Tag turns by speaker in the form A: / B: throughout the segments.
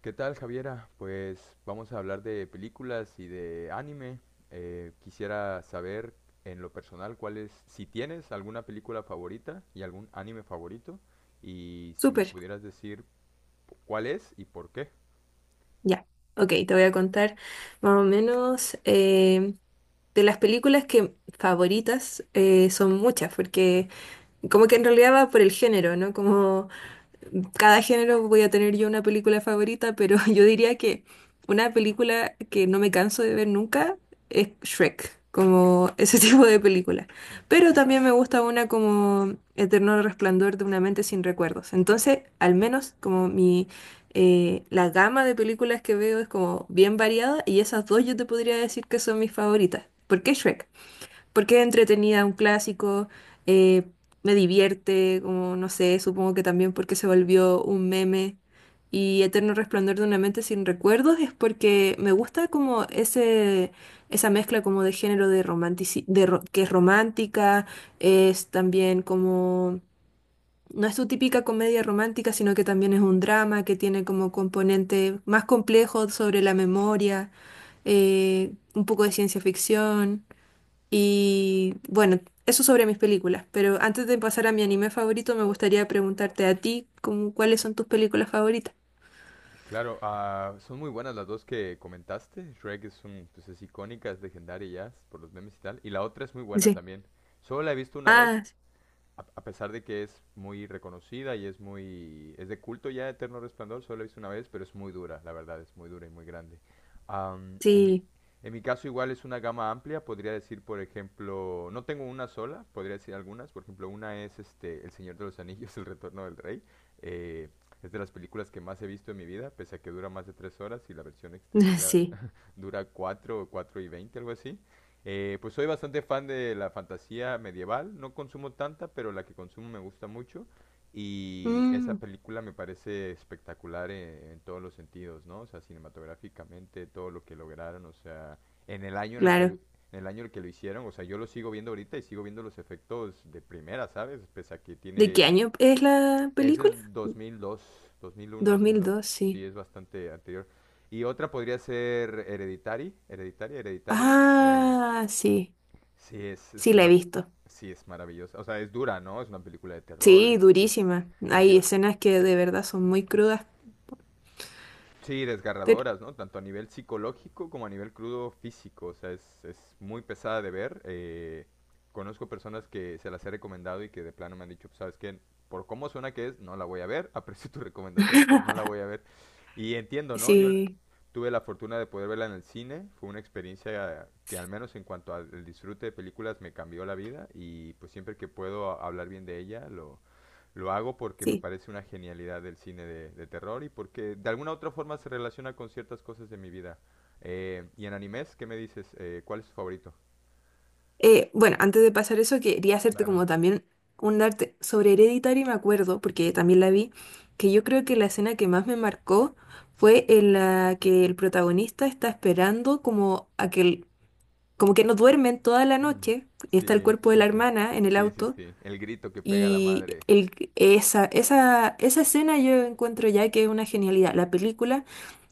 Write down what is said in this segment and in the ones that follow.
A: ¿Qué tal, Javiera? Pues vamos a hablar de películas y de anime. Quisiera saber en lo personal cuál es, si tienes alguna película favorita y algún anime favorito, y si me
B: Súper,
A: pudieras decir cuál es y por qué.
B: ya. Ok, te voy a contar más o menos de las películas que favoritas son muchas, porque como que en realidad va por el género, ¿no? Como cada género voy a tener yo una película favorita, pero yo diría que una película que no me canso de ver nunca es Shrek, como ese
A: Mm,
B: tipo de película.
A: mm.
B: Pero también me gusta una como Eterno Resplandor de una mente sin recuerdos. Entonces, al menos como mi la gama de películas que veo es como bien variada y esas dos yo te podría decir que son mis favoritas. ¿Por qué Shrek? Porque es entretenida, un clásico, eh, me divierte, como no sé, supongo que también porque se volvió un meme. Y Eterno Resplandor de una mente sin recuerdos es porque me gusta como ese, esa mezcla como de género de romantici- de ro- que es romántica, es también como, no es su típica comedia romántica, sino que también es un drama que tiene como componente más complejo sobre la memoria, un poco de ciencia ficción. Y bueno, eso sobre mis películas, pero antes de pasar a mi anime favorito, me gustaría preguntarte a ti, como, ¿cuáles son tus películas favoritas?
A: Claro, ah, son muy buenas las dos que comentaste. Shrek es un, pues es icónica, es legendaria ya, por los memes y tal. Y la otra es muy buena
B: Sí.
A: también. Solo la he visto una vez
B: Ah,
A: a pesar de que es muy reconocida y es muy, es de culto ya Eterno Resplandor, solo la he visto una vez, pero es muy dura, la verdad, es muy dura y muy grande. Am, en mi,
B: sí,
A: en mi caso igual es una gama amplia, podría decir, por ejemplo, no tengo una sola, podría decir algunas, por ejemplo, una es El Señor de los Anillos, El Retorno del Rey. eh, es de las películas que más he visto en mi vida, pese a que dura más de 3 horas y la versión extendida
B: sí.
A: dura cuatro o cuatro y veinte, algo así. Pues soy bastante fan de la fantasía medieval, no consumo tanta, pero la que consumo me gusta mucho y esa
B: Mm,
A: película me parece espectacular en todos los sentidos, ¿no? O sea, cinematográficamente, todo lo que lograron, o sea, en el año en el que lo,
B: claro.
A: en el año en el que lo hicieron. O sea, yo lo sigo viendo ahorita y sigo viendo los efectos de primera, ¿sabes? Pese a que
B: ¿De qué
A: tiene,
B: año es la
A: es
B: película?
A: del 2002, 2001,
B: Dos mil
A: 2002.
B: dos,
A: Sí,
B: sí.
A: es bastante anterior. Y otra podría ser Hereditary, Hereditary, Hereditario. eh,
B: Ah, sí,
A: Sí, es,
B: sí
A: es
B: la he
A: esa
B: visto.
A: sí, es maravillosa. O sea, es dura, ¿no? Es una película de terror
B: Sí, durísima.
A: es,
B: Hay
A: viol-
B: escenas que de verdad son muy crudas,
A: Sí,
B: pero
A: desgarradoras, ¿no? Tanto a nivel psicológico como a nivel crudo físico. O sea, es muy pesada de ver. Conozco personas que se las he recomendado y que de plano me han dicho, ¿sabes qué? Por cómo suena que es, no la voy a ver. Aprecio tu recomendación, pero no la voy a ver. Y entiendo, ¿no? Yo la-
B: sí,
A: tuve la fortuna de poder verla en el cine. Fue una experiencia que al menos en cuanto al disfrute de películas me cambió la vida y pues siempre que puedo hablar bien de ella, lo hago porque me
B: sí.
A: parece una genialidad del cine de terror y porque de alguna u otra forma se relaciona con ciertas cosas de mi vida. Y en animes, ¿qué me dices? ¿Cuál es tu favorito?
B: Bueno, antes de pasar eso, quería hacerte
A: Claro.
B: como también un arte sobre Hereditary, me acuerdo, porque también la vi, que yo creo que la escena que más me marcó fue en la que el protagonista está esperando como a que como que no duermen toda la
A: Mm.
B: noche, y está el
A: Sí,
B: cuerpo de
A: sí,
B: la
A: sí.
B: hermana en el
A: Sí, sí,
B: auto,
A: sí. El grito que pega la
B: y
A: madre.
B: el, esa, esa, esa escena yo encuentro ya que es una genialidad. La película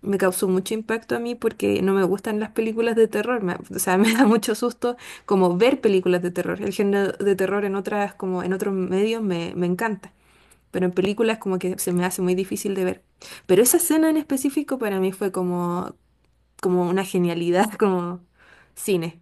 B: me causó mucho impacto a mí porque no me gustan las películas de terror, o sea, me da mucho susto como ver películas de terror. El género de terror en otras, como en otros medios me, me encanta, pero en películas como que se me hace muy difícil de ver. Pero esa escena en específico para mí fue como, como una genialidad, como cine.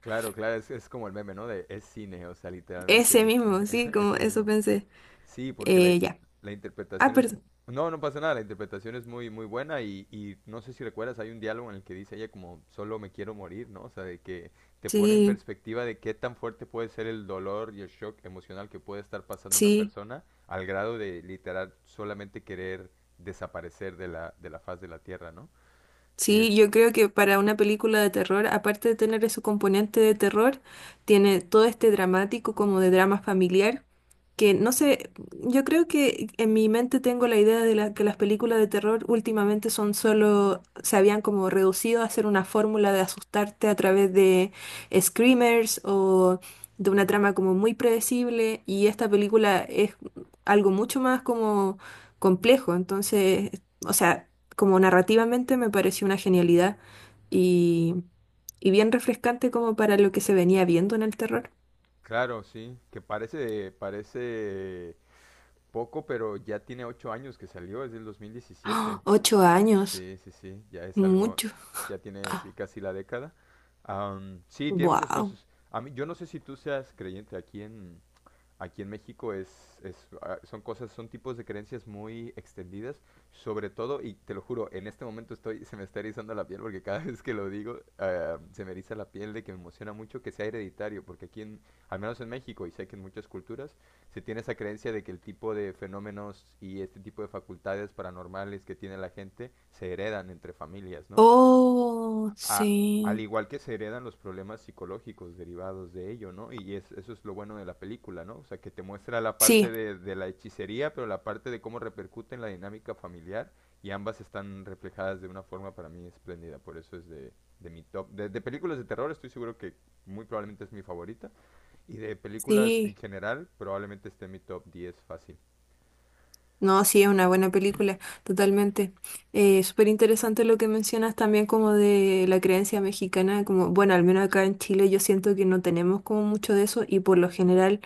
A: Claro, claro, es como el meme, ¿no? De es cine, o sea,
B: Ese
A: literalmente es,
B: mismo, sí, como
A: ese
B: eso
A: mismo.
B: pensé.
A: Sí, porque
B: Ya.
A: la
B: Ah,
A: interpretación es.
B: perdón.
A: No, no pasa nada, la interpretación es muy, muy buena y no sé si recuerdas, hay un diálogo en el que dice ella como, solo me quiero morir, ¿no? O sea, de que te pone en
B: Sí,
A: perspectiva de qué tan fuerte puede ser el dolor y el shock emocional que puede estar pasando una
B: sí.
A: persona al grado de literal solamente querer desaparecer de la faz de la tierra, ¿no? Sí es,
B: Sí, yo creo que para una película de terror, aparte de tener ese componente de terror, tiene todo este dramático como de drama familiar, que no sé, yo creo que en mi mente tengo la idea de que las películas de terror últimamente son solo, se habían como reducido a hacer una fórmula de asustarte a través de screamers o de una trama como muy predecible, y esta película es algo mucho más como complejo, entonces, o sea como narrativamente me pareció una genialidad y, y bien refrescante como para lo que se venía viendo en el terror.
A: claro, sí, que parece, parece poco, pero ya tiene 8 años que salió, es del dos mil
B: ¡Ah!
A: diecisiete
B: Ocho años,
A: Sí, sí, sí, ya es algo,
B: mucho.
A: ya tiene, sí,
B: Ah,
A: casi la década. Sí, tiene muchas
B: wow.
A: cosas. A mí, yo no sé si tú seas creyente aquí aquí en México son cosas, son tipos de creencias muy extendidas, sobre todo, y te lo juro, en este momento estoy, se me está erizando la piel porque cada vez que lo digo, ah, se me eriza la piel de que me emociona mucho que sea hereditario, porque aquí, al menos en México, y sé que en muchas culturas, se tiene esa creencia de que el tipo de fenómenos y este tipo de facultades paranormales que tiene la gente se heredan entre familias, ¿no?
B: Oh,
A: A- al
B: sí,
A: igual que se heredan los problemas psicológicos derivados de ello, ¿no? Eso es lo bueno de la película, ¿no? O sea, que te muestra la parte
B: sí,
A: de la hechicería, pero la parte de cómo repercute en la dinámica familiar y ambas están reflejadas de una forma para mí espléndida, por eso es de mi top. De películas de terror estoy seguro que muy probablemente es mi favorita y de películas en
B: sí.
A: general probablemente esté en mi top 10 fácil.
B: No, sí, es una buena película, totalmente. Súper interesante lo que mencionas también como de la creencia mexicana, como, bueno, al menos acá en Chile yo siento que no tenemos como mucho de eso y por lo general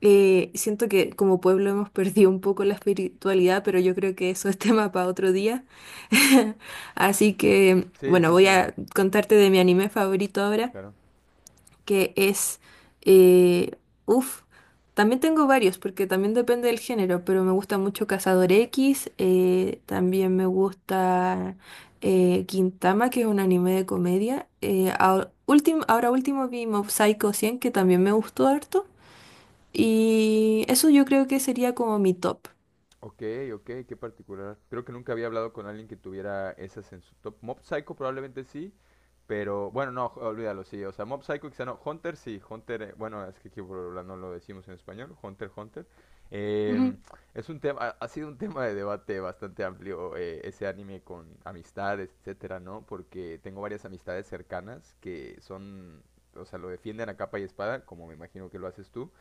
B: Siento que como pueblo hemos perdido un poco la espiritualidad, pero yo creo que eso es tema para otro día. Así que,
A: Sí,
B: bueno,
A: sí,
B: voy
A: sí,
B: a contarte de mi anime favorito ahora.
A: claro.
B: que es... Eh, uf, También tengo varios, porque también depende del género, pero me gusta mucho Cazador X, también me gusta Gintama, que es un anime de comedia. Eh, ahora último vi Mob Psycho 100, que también me gustó harto. Y eso yo creo que sería como mi top.
A: Ok, ok, qué particular. Creo que nunca había hablado con alguien que tuviera esas en su top. Mob Psycho probablemente sí, pero bueno, no, olvídalo, sí. O sea, Mob Psycho quizá no. Hunter sí, Hunter, bueno, es que aquí no lo decimos en español, Hunter, Hunter. Em,
B: Ujú,
A: es un tema, ha sido un tema de debate bastante amplio, ese anime con amistades, etcétera, ¿no? Porque tengo varias amistades cercanas que o sea, lo defienden a capa y espada, como me imagino que lo haces tú.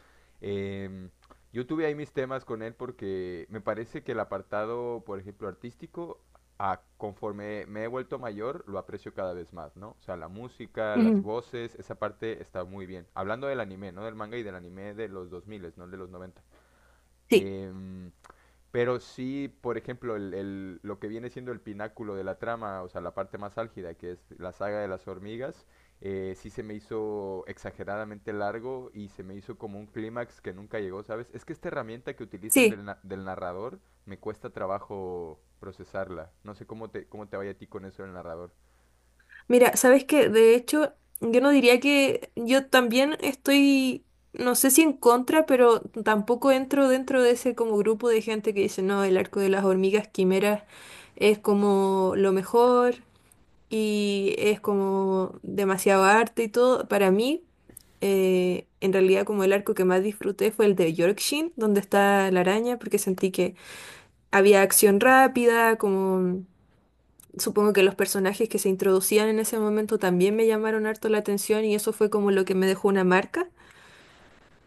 A: Em, yo tuve ahí mis temas con él porque me parece que el apartado, por ejemplo, artístico, conforme me he vuelto mayor, lo aprecio cada vez más, ¿no? O sea, la música, las
B: ujú.
A: voces, esa parte está muy bien. Hablando del anime, ¿no? Del manga y del anime de los 2000, no el de los 90.
B: Sí,
A: Em, pero sí, por ejemplo, lo que viene siendo el pináculo de la trama, o sea, la parte más álgida, que es la saga de las hormigas. Sí se me hizo exageradamente largo y se me hizo como un clímax que nunca llegó, ¿sabes? Es que esta herramienta que utilizan
B: sí.
A: del narrador me cuesta trabajo procesarla. No sé cómo te vaya a ti con eso del narrador.
B: Mira, sabes que de hecho yo no diría que yo también estoy, no sé si en contra, pero tampoco entro dentro de ese como grupo de gente que dice, no, el arco de las hormigas quimeras es como lo mejor y es como demasiado arte y todo. Para mí, en realidad como el arco que más disfruté fue el de Yorkshin, donde está la araña, porque sentí que había acción rápida, como supongo que los personajes que se introducían en ese momento también me llamaron harto la atención y eso fue como lo que me dejó una marca.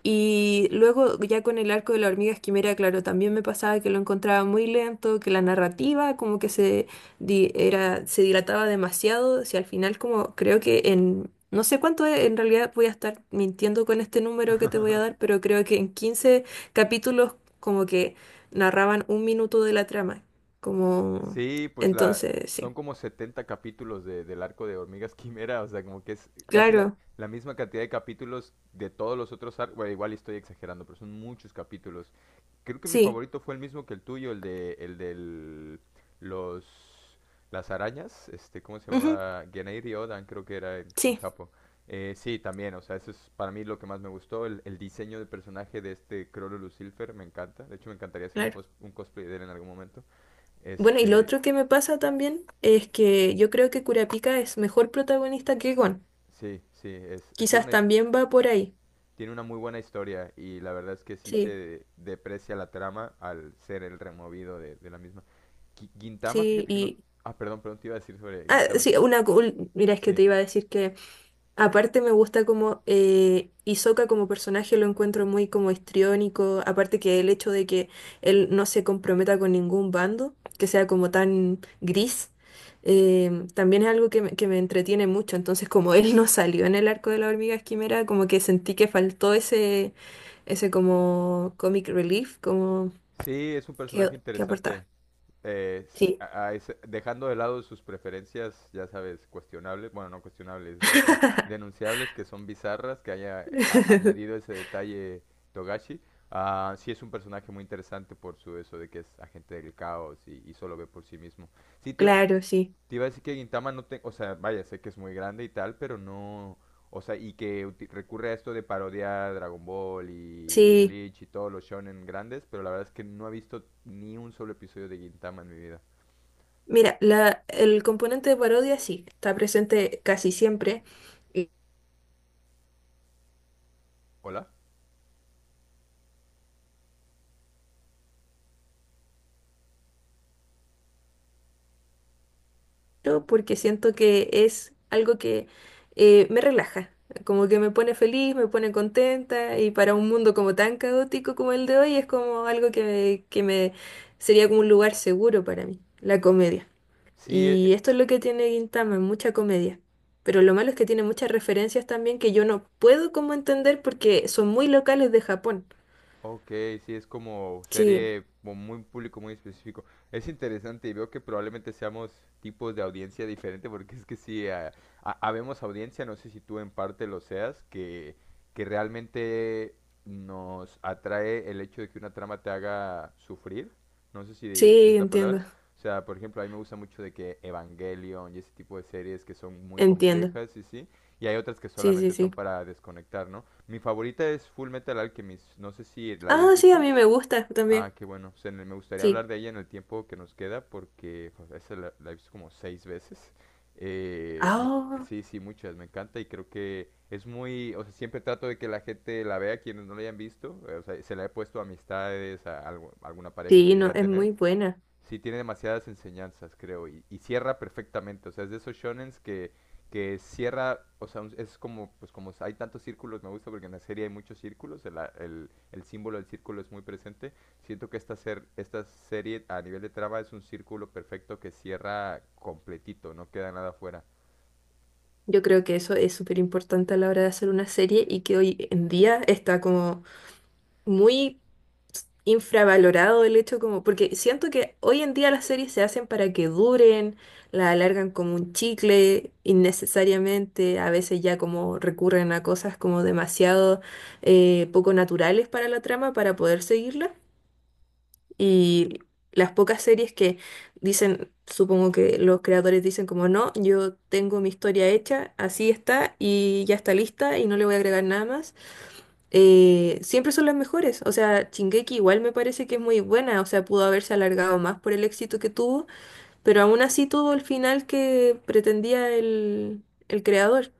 B: Y luego ya con el arco de la hormiga esquimera, claro, también me pasaba que lo encontraba muy lento, que la narrativa como que se dilataba demasiado, si al final como creo que en, no sé cuánto es, en realidad voy a estar mintiendo con este número que te voy a dar, pero creo que en 15 capítulos como que narraban un minuto de la trama, como
A: Sí, pues
B: entonces,
A: son
B: sí,
A: como 70 capítulos de, del arco de Hormigas Quimera, o sea, como que es casi la,
B: claro,
A: la misma cantidad de capítulos de todos los otros arcos. Bueno, igual y estoy exagerando, pero son muchos capítulos. Creo que mi
B: sí,
A: favorito fue el mismo que el tuyo, el de el del los las arañas, este, ¿cómo se
B: ujú,
A: llamaba? Genei Ryodan, creo que era en
B: sí,
A: Japón. Sí, también, o sea, eso es para mí lo que más me gustó, el diseño del personaje de este Crollo Silver me encanta. De hecho, me encantaría hacer un,
B: claro.
A: cos- un cosplay de él en algún momento.
B: Bueno, y lo
A: Este,
B: otro que me pasa también es que yo creo que Kurapika es mejor protagonista que Gon.
A: Sí, sí, es, tiene
B: Quizás también va por ahí.
A: tiene una muy buena historia y la verdad es que sí
B: Sí,
A: se deprecia la trama al ser el removido de la misma. Gintama,
B: sí,
A: fíjate que no...
B: y...
A: Ah, perdón, perdón, te iba a decir sobre
B: Ah,
A: Gintama. Sí.
B: sí, mira, es que
A: Sí,
B: te iba a decir que aparte me gusta como Hisoka como personaje lo encuentro muy como histriónico, aparte que el hecho de que él no se comprometa con ningún bando, que sea como tan gris, también es algo que me entretiene mucho, entonces como él no salió en el arco de la hormiga quimera, como que sentí que faltó ese, ese como comic relief, como
A: sí, es un
B: que,
A: personaje
B: que
A: interesante.
B: aportaba.
A: eh,
B: Sí,
A: dejando de lado sus preferencias, ya sabes, cuestionables, bueno, no cuestionables, denunciables, que son bizarras, que haya añadido ese detalle Togashi. Ah, sí es un personaje muy interesante por su eso de que es agente del caos y solo ve por sí mismo. Sí, te,
B: claro, sí.
A: te iba a decir que Gintama no te, o sea, vaya, sé que es muy grande y tal, pero no, o sea, y que recurre a esto de parodiar Dragon Ball y
B: Sí.
A: Bleach y todos los shonen grandes, pero la verdad es que no he visto ni un solo episodio de Gintama en mi vida.
B: Mira, el componente de parodia sí, está presente casi siempre, y-
A: ¿Hola?
B: pero porque siento que es algo que me relaja, como que me pone feliz, me pone contenta, y para un mundo como tan caótico como el de hoy es como algo que me sería como un lugar seguro para mí, la comedia.
A: Sí,
B: Y
A: e-
B: esto es lo que tiene Gintama, mucha comedia. Pero lo malo es que tiene muchas referencias también que yo no puedo como entender porque son muy locales de Japón.
A: Ok, sí, es como
B: Sí,
A: serie con muy público, muy específico. Es interesante y veo que probablemente seamos tipos de audiencia diferente porque es que sí, habemos audiencia, no sé si tú en parte lo seas, que realmente nos atrae el hecho de que una trama te haga sufrir. No sé si
B: sí,
A: es la
B: entiendo.
A: palabra. O sea, por ejemplo, a mí me gusta mucho de que Evangelion y ese tipo de series que son muy
B: Entiendo.
A: complejas y sí. Y hay otras que
B: Sí, sí,
A: solamente son
B: sí.
A: para desconectar, ¿no? Mi favorita es Full Metal Alchemist. No sé si la hayas
B: Ah, sí, a
A: visto.
B: mí me gusta
A: Ah,
B: también.
A: qué bueno. O sea, me me gustaría hablar
B: Sí.
A: de ella en el tiempo que nos queda porque pues, esa la, la he visto como seis veces. Eh, me-
B: Ah,
A: sí, sí, muchas. Me encanta y creo que es muy... O sea, siempre trato de que la gente la vea, quienes no la hayan visto. O sea, se la he puesto a amistades, a alguna pareja que
B: sí,
A: llegue
B: no,
A: a
B: es
A: tener.
B: muy buena.
A: Sí, tiene demasiadas enseñanzas, creo, y cierra perfectamente. O sea, es de esos shonens que cierra, o sea, es como, pues como hay tantos círculos, me gusta porque en la serie hay muchos círculos, el símbolo del círculo es muy presente. Siento que esta serie a nivel de trama es un círculo perfecto que cierra completito, no queda nada fuera.
B: Yo creo que eso es súper importante a la hora de hacer una serie y que hoy en día está como muy infravalorado el hecho como, porque siento que hoy en día las series se hacen para que duren, la alargan como un chicle innecesariamente, a veces ya como recurren a cosas como demasiado poco naturales para la trama para poder seguirla. Y las pocas series que dicen, supongo que los creadores dicen como no, yo tengo mi historia hecha, así está y ya está lista y no le voy a agregar nada más, siempre son las mejores. O sea, Shingeki igual me parece que es muy buena, o sea, pudo haberse alargado más por el éxito que tuvo, pero aún así tuvo el final que pretendía el creador,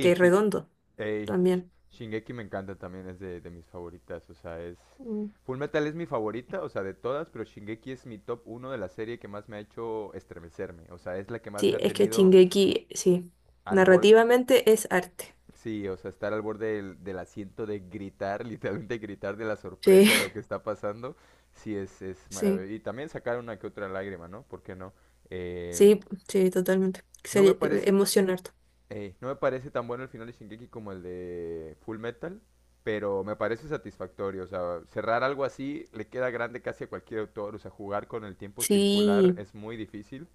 B: que es redondo
A: Ey,
B: también.
A: Shingeki me encanta también, es de mis favoritas, o sea, es...
B: Mm.
A: Full Metal es mi favorita, o sea, de todas, pero Shingeki es mi top uno de la serie que más me ha hecho estremecerme, o sea, es la que más me
B: Sí,
A: ha
B: es que
A: tenido
B: Shingeki, sí,
A: al borde,
B: narrativamente es arte.
A: sí, o sea, estar al borde del asiento de gritar, literalmente gritar de la
B: Sí,
A: sorpresa de lo que está pasando, sí, es
B: sí.
A: maravilloso. Y también sacar una que otra lágrima, ¿no? ¿Por qué no? Em,
B: Sí, sí, totalmente.
A: no
B: Sería
A: me parece,
B: emocionarte.
A: Ey, no me parece tan bueno el final de Shingeki como el de Full Metal, pero me parece satisfactorio. O sea, cerrar algo así le queda grande casi a cualquier autor. O sea, jugar con el tiempo circular
B: Sí.
A: es muy difícil,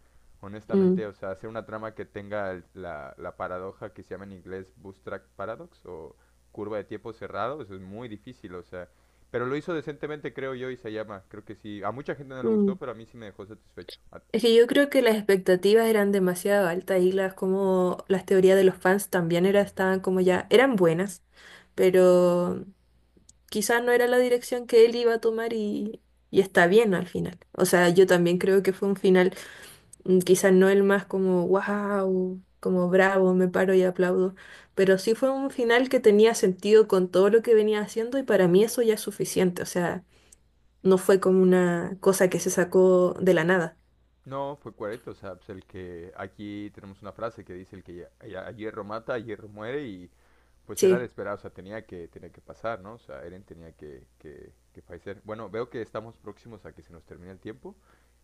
B: Mm,
A: honestamente. O sea, hacer una trama que tenga la paradoja que se llama en inglés Bootstrap Paradox o curva de tiempo cerrado, eso es muy difícil. O sea, pero lo hizo decentemente, creo yo, y se llama. Creo que sí. A mucha gente no le gustó,
B: mm.
A: pero a mí sí me dejó satisfecho.
B: Es que yo creo que las expectativas eran demasiado altas y las como las teorías de los fans también era, estaban como ya, eran buenas, pero quizás no era la dirección que él iba a tomar y está bien al final. O sea, yo también creo que fue un final. Mm, quizás no el más como wow, como bravo, me paro y aplaudo, pero sí fue un final que tenía sentido con todo lo que venía haciendo y para mí eso ya es suficiente, o sea, no fue como una cosa que se sacó de la nada.
A: No, fue Cuareto, o sea, pues el que aquí tenemos una frase que dice el que a hierro mata, a hierro muere y pues era de
B: Sí,
A: esperar, o sea, tenía que pasar, ¿no? O sea, Eren tenía que fallecer. Bueno, veo que estamos próximos a que se nos termine el tiempo.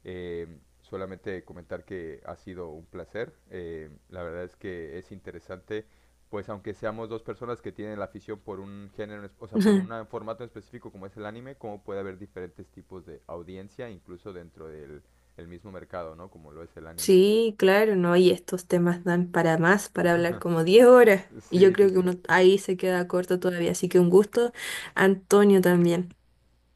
A: Solamente comentar que ha sido un placer. La verdad es que es interesante, pues aunque seamos dos personas que tienen la afición por un género, o sea, por un formato en específico como es el anime, cómo puede haber diferentes tipos de audiencia, incluso dentro del el mismo mercado, ¿no? Como lo es el anime.
B: sí, claro, no, y estos temas dan para más, para hablar como 10 horas y yo
A: Sí, sí,
B: creo que
A: sí.
B: uno ahí se queda corto todavía, así que un gusto, Antonio también.